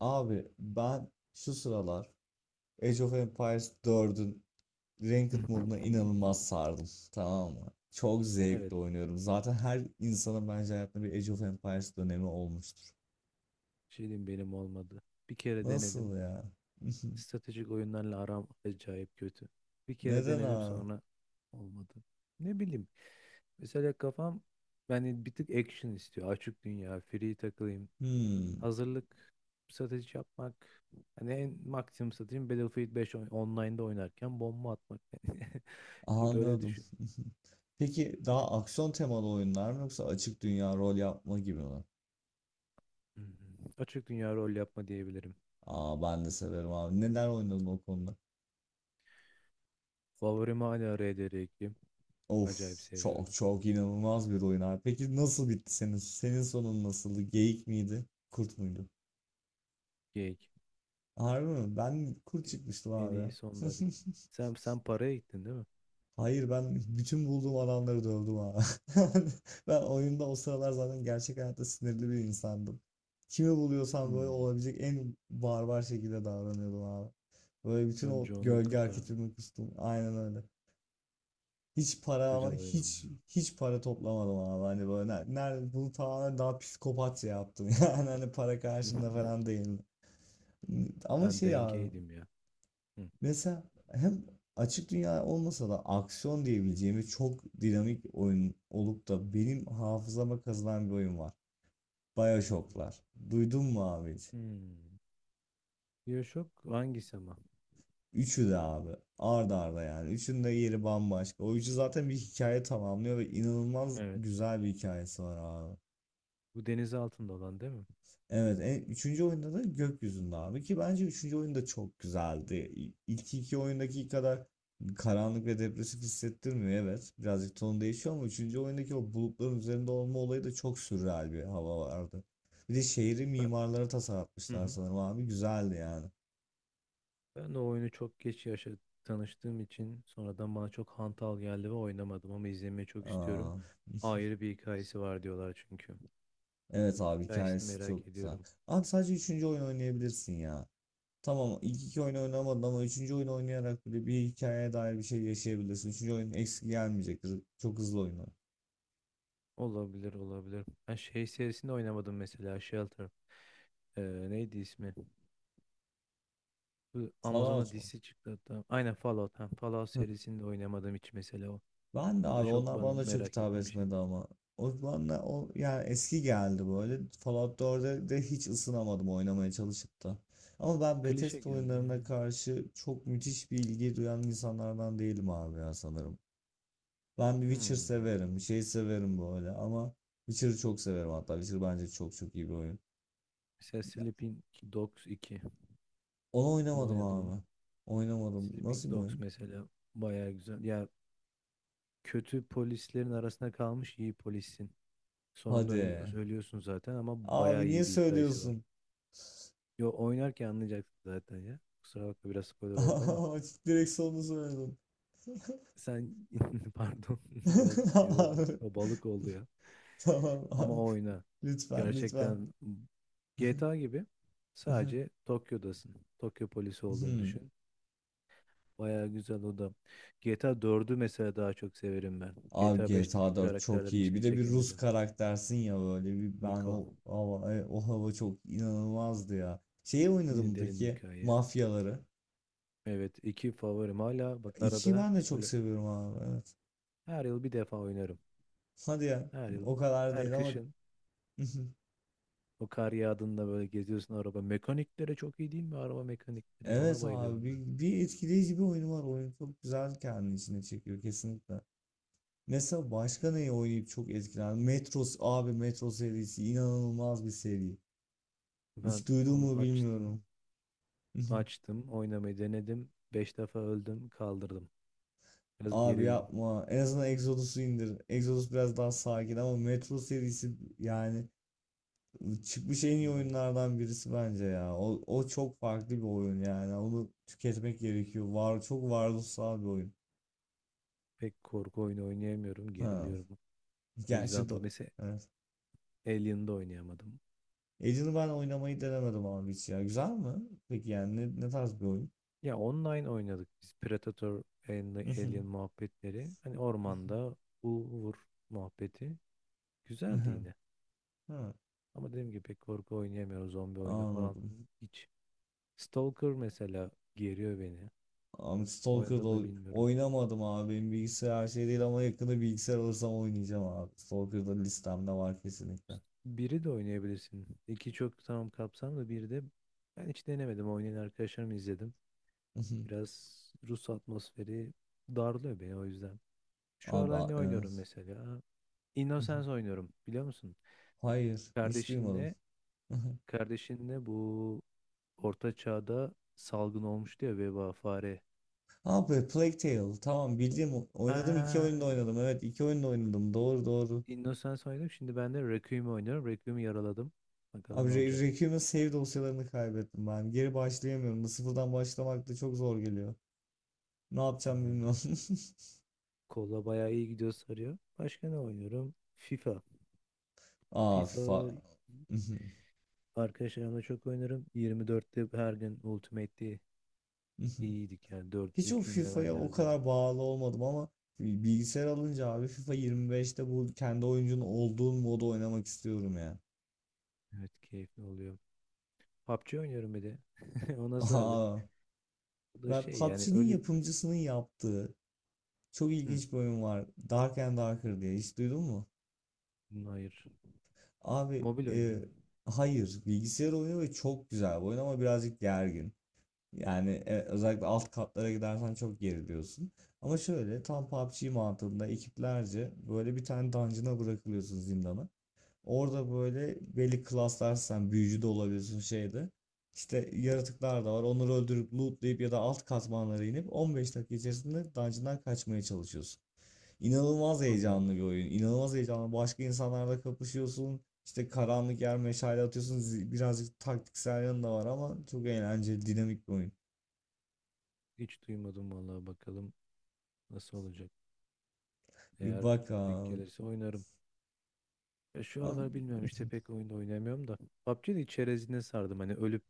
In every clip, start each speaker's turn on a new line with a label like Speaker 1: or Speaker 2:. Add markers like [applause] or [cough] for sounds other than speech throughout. Speaker 1: Abi ben şu sıralar Age of Empires 4'ün Ranked moduna
Speaker 2: [laughs]
Speaker 1: inanılmaz sardım. Tamam mı? Çok
Speaker 2: Evet,
Speaker 1: zevkle oynuyorum. Zaten her insanın bence hayatında bir Age of Empires dönemi olmuştur.
Speaker 2: bir şey diyeyim benim olmadı. Bir kere denedim.
Speaker 1: Nasıl ya? [laughs]
Speaker 2: Stratejik oyunlarla aram acayip kötü. Bir kere
Speaker 1: Neden
Speaker 2: denedim
Speaker 1: abi?
Speaker 2: sonra olmadı. Ne bileyim. Mesela kafam, yani bir tık action istiyor. Açık dünya, free takılayım.
Speaker 1: Hmm,
Speaker 2: Hazırlık, strateji yapmak. Hani en maksimum stratejim Battlefield 5 online'da oynarken bomba atmak. [laughs] Yani ki böyle
Speaker 1: anladım.
Speaker 2: düşün.
Speaker 1: [laughs] Peki
Speaker 2: Bir
Speaker 1: daha
Speaker 2: tık,
Speaker 1: aksiyon temalı oyunlar mı yoksa açık dünya rol yapma gibi mi?
Speaker 2: [clears throat] hı hı, açık dünya rol yapma diyebilirim.
Speaker 1: Aa, ben de severim abi. Neler oynadın o konuda?
Speaker 2: Favorim hala RDR2.
Speaker 1: Of,
Speaker 2: Acayip
Speaker 1: çok
Speaker 2: seviyorum.
Speaker 1: çok inanılmaz bir oyun abi. Peki nasıl bitti senin? Senin sonun nasıldı? Geyik miydi? Kurt muydu?
Speaker 2: Geek.
Speaker 1: Harbi mi? Ben kurt çıkmıştım
Speaker 2: En iyi
Speaker 1: abi.
Speaker 2: onunla bit.
Speaker 1: [laughs]
Speaker 2: Sen paraya gittin, değil mi?
Speaker 1: Hayır, ben bütün bulduğum adamları dövdüm abi. [laughs] Ben oyunda o sıralar zaten gerçek hayatta sinirli bir insandım. Kimi buluyorsam böyle
Speaker 2: Hmm.
Speaker 1: olabilecek en barbar şekilde davranıyordum abi. Böyle bütün
Speaker 2: Ben
Speaker 1: o
Speaker 2: John'u
Speaker 1: gölge
Speaker 2: kurtardım.
Speaker 1: hareketimi kustum. Aynen öyle. Hiç para, ama
Speaker 2: Güzel oyun ama
Speaker 1: hiç
Speaker 2: ya.
Speaker 1: hiç para toplamadım abi, hani böyle nerede bunu tamamen daha psikopatça yaptım, [laughs] yani hani para karşında falan
Speaker 2: [laughs]
Speaker 1: değil ama
Speaker 2: Ben
Speaker 1: şey abi,
Speaker 2: dengeydim ya. Hı,
Speaker 1: mesela hem açık dünya olmasa da aksiyon diyebileceğimiz çok dinamik oyun olup da benim hafızama kazınan bir oyun var:
Speaker 2: hı, hı.
Speaker 1: BioShock'lar. Duydun mu abi hiç?
Speaker 2: Hmm. Bioshock hangisi ama?
Speaker 1: Üçü de abi, ard arda. Yani üçünün de yeri bambaşka. O üçü zaten bir hikaye tamamlıyor ve inanılmaz
Speaker 2: Evet.
Speaker 1: güzel bir hikayesi var abi.
Speaker 2: Bu deniz altında olan değil mi?
Speaker 1: Evet, üçüncü oyunda da gökyüzünde abi, ki bence üçüncü oyunda çok güzeldi. İlk iki oyundaki kadar karanlık ve depresif hissettirmiyor, evet. Birazcık ton değişiyor ama üçüncü oyundaki o bulutların üzerinde olma olayı da çok sürreal bir hava vardı. Bir de şehri
Speaker 2: Ben,
Speaker 1: mimarlara
Speaker 2: hı
Speaker 1: tasarlatmışlar
Speaker 2: hı.
Speaker 1: sanırım abi, güzeldi yani.
Speaker 2: Ben o oyunu çok geç yaşa tanıştığım için sonradan bana çok hantal geldi ve oynamadım, ama izlemeyi çok istiyorum.
Speaker 1: Aa,
Speaker 2: Ayrı bir hikayesi var diyorlar çünkü.
Speaker 1: evet abi,
Speaker 2: Hikayesini
Speaker 1: hikayesi
Speaker 2: merak
Speaker 1: çok güzel.
Speaker 2: ediyorum.
Speaker 1: Abi sadece üçüncü oyun oynayabilirsin ya. Tamam, ilk iki oyunu oynamadın ama üçüncü oyunu oynayarak bile bir hikayeye dair bir şey yaşayabilirsin. Üçüncü oyun eksik gelmeyecektir. Çok hızlı oynar.
Speaker 2: Olabilir, olabilir. Ben şey serisinde oynamadım, mesela Shelter. Ee, Neydi ismi? Bu Amazon'da
Speaker 1: Fallout mu?
Speaker 2: dizisi çıktı hatta. Aynen, Fallout. Ha, Fallout
Speaker 1: Hı.
Speaker 2: serisinde oynamadım hiç mesela o.
Speaker 1: Ben de
Speaker 2: O da
Speaker 1: abi,
Speaker 2: çok
Speaker 1: onlar
Speaker 2: bana
Speaker 1: bana da çok
Speaker 2: merak
Speaker 1: hitap
Speaker 2: ettiğim bir şey.
Speaker 1: etmedi ama. O bana, o yani eski geldi böyle. Fallout 4'e de hiç ısınamadım, oynamaya çalışıp da. Ama ben
Speaker 2: Klişe
Speaker 1: Bethesda
Speaker 2: geldi
Speaker 1: oyunlarına
Speaker 2: yani.
Speaker 1: karşı çok müthiş bir ilgi duyan insanlardan değilim abi ya, sanırım. Ben Witcher
Speaker 2: Hmm.
Speaker 1: severim, şey severim böyle ama Witcher'ı çok severim hatta. Witcher bence çok çok iyi bir oyun.
Speaker 2: Mesela Sleeping Dogs 2.
Speaker 1: Onu
Speaker 2: Bunu
Speaker 1: oynamadım
Speaker 2: oynadım mı?
Speaker 1: abi. Oynamadım.
Speaker 2: Sleeping
Speaker 1: Nasıl bir
Speaker 2: Dogs
Speaker 1: oyun?
Speaker 2: mesela bayağı güzel. Ya, kötü polislerin arasında kalmış iyi polissin. Sonunda
Speaker 1: Hadi.
Speaker 2: ölüyorsun zaten, ama
Speaker 1: Abi
Speaker 2: bayağı
Speaker 1: niye
Speaker 2: iyi bir hikayesi var.
Speaker 1: söylüyorsun?
Speaker 2: Yo, oynarken anlayacaksın zaten ya. Kusura bakma, biraz spoiler oldu ama.
Speaker 1: [laughs] Direkt sonunu söyledim.
Speaker 2: Sen [laughs] pardon [laughs] biraz
Speaker 1: [laughs]
Speaker 2: şey oldu.
Speaker 1: Abi,
Speaker 2: Balık oldu ya.
Speaker 1: tamam
Speaker 2: Ama
Speaker 1: abi.
Speaker 2: oyna.
Speaker 1: Lütfen lütfen.
Speaker 2: Gerçekten GTA gibi, sadece
Speaker 1: [laughs]
Speaker 2: Tokyo'dasın. Tokyo polisi olduğunu
Speaker 1: Hmm.
Speaker 2: düşün. Baya güzel o da. GTA dördü mesela daha çok severim ben.
Speaker 1: Abi
Speaker 2: GTA beşteki
Speaker 1: GTA 4 çok
Speaker 2: karakterler
Speaker 1: iyi. Bir
Speaker 2: içine
Speaker 1: de bir Rus
Speaker 2: çekemedim.
Speaker 1: karaktersin ya böyle. Bir, ben
Speaker 2: Niko.
Speaker 1: o hava, o hava çok inanılmazdı ya. Şeyi oynadın
Speaker 2: Yine
Speaker 1: mı
Speaker 2: derin bir
Speaker 1: peki?
Speaker 2: hikaye.
Speaker 1: Mafyaları.
Speaker 2: Evet, iki favorim hala bak,
Speaker 1: 2'yi
Speaker 2: arada
Speaker 1: ben de çok
Speaker 2: böyle
Speaker 1: seviyorum abi. Evet.
Speaker 2: her yıl bir defa oynarım.
Speaker 1: Hadi ya.
Speaker 2: Her yıl.
Speaker 1: O kadar
Speaker 2: Her
Speaker 1: değil ama.
Speaker 2: kışın.
Speaker 1: [laughs]
Speaker 2: O kar yağdığında böyle geziyorsun araba. Mekanikleri çok iyi değil mi? Araba mekanikleri. Ya? Ona
Speaker 1: Evet abi,
Speaker 2: bayılıyorum ben.
Speaker 1: bir etkileyici bir oyunu var. Oyun çok güzel, kendi içine çekiyor kesinlikle. Mesela başka neyi oynayıp çok etkilendim? Metros abi, Metro serisi inanılmaz bir seri.
Speaker 2: Ben
Speaker 1: Hiç duydun mu
Speaker 2: onu açtım.
Speaker 1: bilmiyorum. [laughs]
Speaker 2: Açtım. Oynamayı denedim. Beş defa öldüm. Kaldırdım. Biraz
Speaker 1: Abi
Speaker 2: gerildim.
Speaker 1: yapma. En azından Exodus'u indir. Exodus biraz daha sakin ama Metro serisi, yani çıkmış en iyi
Speaker 2: Bilmiyorum.
Speaker 1: oyunlardan birisi bence ya. O çok farklı bir oyun yani. Onu tüketmek gerekiyor. Var, çok varoluşsal bir oyun.
Speaker 2: Pek korku oyunu oynayamıyorum.
Speaker 1: Ha.
Speaker 2: Geriliyorum. O
Speaker 1: Gerçi
Speaker 2: yüzden dolayı
Speaker 1: do-
Speaker 2: mesela
Speaker 1: evet.
Speaker 2: Alien'da oynayamadım.
Speaker 1: Alien'ı ben oynamayı denemedim abi hiç ya. Güzel mi? Peki yani ne tarz bir oyun?
Speaker 2: Ya, online oynadık biz. Predator Alien
Speaker 1: [laughs]
Speaker 2: muhabbetleri. Hani ormanda bu vur muhabbeti. Güzeldi yine.
Speaker 1: Ha,
Speaker 2: Ama dediğim gibi pek korku oynayamıyorum. Zombi oyunu falan
Speaker 1: anladım.
Speaker 2: hiç. Stalker mesela geriyor beni.
Speaker 1: Abi
Speaker 2: Oynadı mı bilmiyorum.
Speaker 1: Oynamadım abi. Benim bilgisayar her şey değil ama yakında bilgisayar alırsam oynayacağım abi. Stalker'da listemde var kesinlikle.
Speaker 2: Biri de oynayabilirsin. İki çok tamam kapsamlı, biri de ben hiç denemedim. Oynayan arkadaşlarımı izledim.
Speaker 1: [laughs]
Speaker 2: Biraz Rus atmosferi darlıyor beni o yüzden. Şu
Speaker 1: Abi
Speaker 2: aralar ne oynuyorum
Speaker 1: evet.
Speaker 2: mesela? Innocence
Speaker 1: [laughs]
Speaker 2: oynuyorum, biliyor musun?
Speaker 1: Hayır, hiç duymadım.
Speaker 2: Kardeşinle
Speaker 1: [laughs]
Speaker 2: kardeşinle bu Orta Çağ'da salgın olmuştu ya, veba, fare.
Speaker 1: Abi Plague Tale. Tamam, bildiğim oynadım, iki
Speaker 2: Aa,
Speaker 1: oyunda oynadım. Evet, iki oyunda oynadım. Doğru doğru.
Speaker 2: Innocence oynadım. Şimdi ben de Requiem'i oynuyorum. Requiem'i yaraladım. Bakalım ne
Speaker 1: Abi
Speaker 2: olacak.
Speaker 1: Requiem'in save dosyalarını kaybettim ben. Geri başlayamıyorum. Bu sıfırdan başlamak da çok zor geliyor. Ne yapacağım
Speaker 2: Tamamdır.
Speaker 1: bilmiyorum.
Speaker 2: Kolla bayağı iyi gidiyor, sarıyor. Başka ne oynuyorum? FIFA.
Speaker 1: [laughs] Aa, FIFA.
Speaker 2: FIFA arkadaşlarımla çok oynarım. 24'te her gün Ultimate'de iyiydik yani, 4.
Speaker 1: [laughs] Hiç o
Speaker 2: üçüncü
Speaker 1: FIFA'ya o
Speaker 2: levellerdeydim.
Speaker 1: kadar bağlı olmadım ama bilgisayar alınca abi, FIFA 25'te bu kendi oyuncunun olduğun modu oynamak istiyorum ya.
Speaker 2: Evet, keyifli oluyor. PUBG oynuyorum bir de. [laughs] Ona
Speaker 1: [laughs]
Speaker 2: sardık.
Speaker 1: Aa,
Speaker 2: Bu da
Speaker 1: ben
Speaker 2: şey yani
Speaker 1: PUBG'nin
Speaker 2: ölü...
Speaker 1: yapımcısının yaptığı çok
Speaker 2: Hı,
Speaker 1: ilginç bir oyun var. Dark and Darker diye hiç duydun mu?
Speaker 2: hayır.
Speaker 1: Abi
Speaker 2: Mobil oyun mu?
Speaker 1: hayır, bilgisayar oyunu ve çok güzel bir oyun ama birazcık gergin. Yani özellikle alt katlara gidersen çok geriliyorsun. Ama şöyle, tam PUBG mantığında ekiplerce böyle bir tane dungeon'a bırakılıyorsun, zindana. Orada böyle belli klaslar, sen büyücü de olabiliyorsun şeyde. İşte yaratıklar da var. Onları öldürüp lootlayıp ya da alt katmanlara inip 15 dakika içerisinde dungeon'dan kaçmaya çalışıyorsun. İnanılmaz
Speaker 2: Allah Allah.
Speaker 1: heyecanlı bir oyun. İnanılmaz heyecanlı. Başka insanlarla kapışıyorsun. İşte karanlık yer, meşale atıyorsun. Birazcık taktiksel yanı da var ama çok eğlenceli, dinamik bir oyun.
Speaker 2: Hiç duymadım vallahi, bakalım nasıl olacak.
Speaker 1: Bir
Speaker 2: Eğer denk
Speaker 1: bakalım.
Speaker 2: gelirse oynarım. Ya şu aralar
Speaker 1: Am-
Speaker 2: bilmiyorum işte,
Speaker 1: [laughs]
Speaker 2: pek oyunda oynamıyorum da. PUBG'nin çerezine sardım, hani ölüp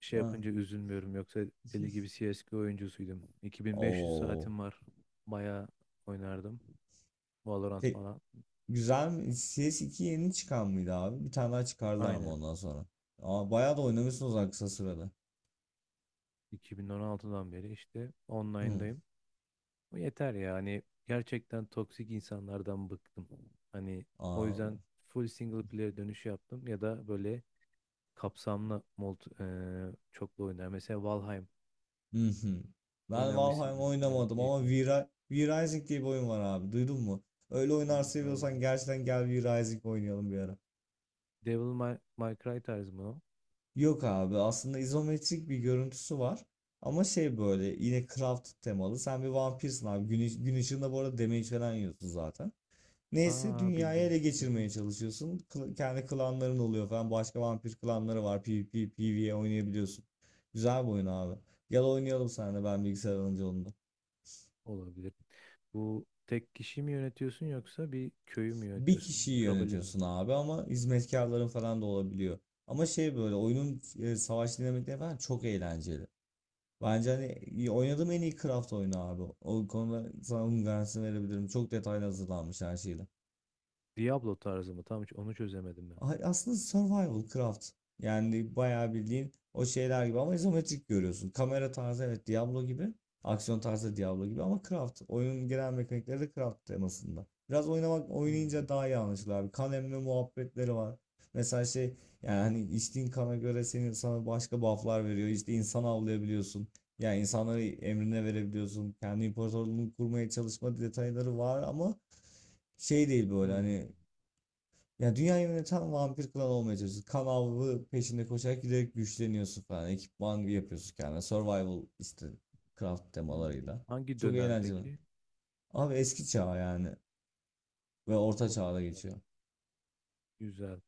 Speaker 2: şey
Speaker 1: Ah.
Speaker 2: yapınca üzülmüyorum. Yoksa deli gibi CSGO oyuncusuydum. 2500
Speaker 1: Oo.
Speaker 2: saatim var. Bayağı oynardım. Valorant
Speaker 1: Pek,
Speaker 2: falan.
Speaker 1: güzel mi? CS2 yeni çıkan mıydı abi? Bir tane daha çıkarlar mı
Speaker 2: Aynen.
Speaker 1: ondan sonra? Aa, bayağı da
Speaker 2: Yok.
Speaker 1: oynamışsınız ha kısa sırada.
Speaker 2: 2016'dan beri işte
Speaker 1: Hı.
Speaker 2: online'dayım. Bu yeter ya, hani gerçekten toksik insanlardan bıktım. Hani o
Speaker 1: Aa,
Speaker 2: yüzden full single player dönüşü yaptım, ya da böyle kapsamlı multi, çoklu oynar. Mesela Valheim
Speaker 1: hı hı. Ben Valheim
Speaker 2: oynamışsındır, bayağı
Speaker 1: oynamadım ama
Speaker 2: keyifli.
Speaker 1: V-Rising, V-Rising diye bir oyun var abi. Duydun mu? Öyle oyunlar
Speaker 2: Bir
Speaker 1: seviyorsan
Speaker 2: Rising.
Speaker 1: gerçekten gel, V-Rising oynayalım bir ara.
Speaker 2: Devil May Cry tarzı mı o?
Speaker 1: Yok abi, aslında izometrik bir görüntüsü var. Ama şey, böyle yine craft temalı. Sen bir vampirsin abi. Gün ışığında bu arada damage falan yiyorsun zaten. Neyse
Speaker 2: Aa,
Speaker 1: dünyayı
Speaker 2: bildim.
Speaker 1: ele
Speaker 2: Hı hı.
Speaker 1: geçirmeye çalışıyorsun. Kendi klanların oluyor falan. Başka vampir klanları var. PvP, PvE oynayabiliyorsun. Güzel bir oyun abi. Gel oynayalım seninle, ben bilgisayar alınca onu da.
Speaker 2: Olabilir. Bu tek kişi mi yönetiyorsun yoksa bir köyü mü
Speaker 1: Bir
Speaker 2: yönetiyorsun?
Speaker 1: kişiyi
Speaker 2: Kabile mi?
Speaker 1: yönetiyorsun abi ama hizmetkarların falan da olabiliyor. Ama şey böyle oyunun savaş dinamikleri falan çok eğlenceli. Bence hani oynadığım en iyi Craft oyunu abi. O konuda sana onun garantisini verebilirim. Çok detaylı hazırlanmış her şeyle.
Speaker 2: Diablo tarzı mı? Tam hiç onu çözemedim ben.
Speaker 1: Aslında survival craft. Yani bayağı bildiğin o şeyler gibi ama izometrik görüyorsun. Kamera tarzı, evet, Diablo gibi. Aksiyon tarzı Diablo gibi ama craft. Oyunun genel mekanikleri de craft temasında. Biraz oynamak,
Speaker 2: Hmm.
Speaker 1: oynayınca daha iyi anlaşılır abi. Kan emme muhabbetleri var. Mesela şey, yani hani içtiğin kana göre senin, sana başka buff'lar veriyor. İşte insan avlayabiliyorsun. Yani insanları emrine verebiliyorsun. Kendi imparatorluğunu kurmaya çalışma detayları var ama şey değil böyle
Speaker 2: Hmm.
Speaker 1: hani, ya dünyayı yöneten vampir klan olmaya çalışıyorsun. Kan avı peşinde koşarak giderek güçleniyorsun falan. Ekipman yapıyorsun kendine. Survival işte craft
Speaker 2: Hmm.
Speaker 1: temalarıyla.
Speaker 2: Hangi
Speaker 1: Çok
Speaker 2: dönem
Speaker 1: eğlenceli.
Speaker 2: peki?
Speaker 1: Abi eski çağ yani. Ve orta
Speaker 2: Orta
Speaker 1: çağda
Speaker 2: çağ.
Speaker 1: geçiyor.
Speaker 2: Güzel.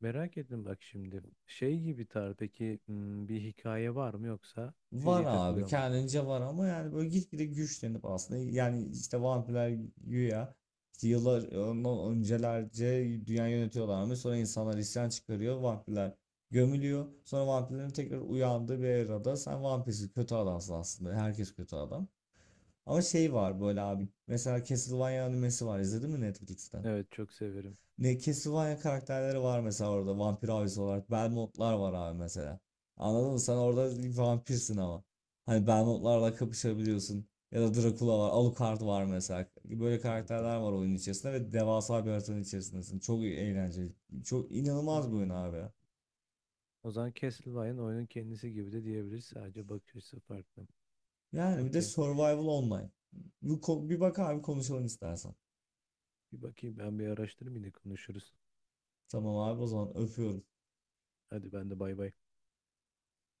Speaker 2: Merak ettim bak şimdi. Şey gibi tar peki, bir hikaye var mı yoksa
Speaker 1: Var
Speaker 2: free
Speaker 1: abi,
Speaker 2: takılıyor mu?
Speaker 1: kendince var ama yani böyle gitgide güçlenip, aslında yani işte vampirler güya işte yıllar ondan öncelerce dünya yönetiyorlarmış, sonra insanlar isyan çıkarıyor, vampirler gömülüyor, sonra vampirlerin tekrar uyandığı bir erada sen vampirsin, kötü adamsın, aslında herkes kötü adam. Ama şey var böyle abi, mesela Castlevania animesi var, izledin mi Netflix'ten?
Speaker 2: Evet, çok severim.
Speaker 1: Ne, Castlevania karakterleri var mesela orada, vampir abisi olarak. Belmontlar var abi mesela. Anladın mı? Sen orada bir vampirsin ama. Hani Belmontlarla kapışabiliyorsun. Ya da Dracula var. Alucard var mesela. Böyle
Speaker 2: Bakar.
Speaker 1: karakterler var oyunun içerisinde ve devasa bir haritanın içerisindesin. Çok eğlenceli. Çok inanılmaz bir oyun
Speaker 2: Hmm.
Speaker 1: abi.
Speaker 2: O zaman Castlevania oyunun kendisi gibi de diyebiliriz. Sadece bakış açısı farklı.
Speaker 1: Yani bir de
Speaker 2: Okey.
Speaker 1: Survival Online. Bir bak abi, konuşalım istersen.
Speaker 2: Bir bakayım ben, bir araştırayım, yine konuşuruz.
Speaker 1: Tamam abi, o zaman öpüyorum.
Speaker 2: Hadi ben de, bay bay.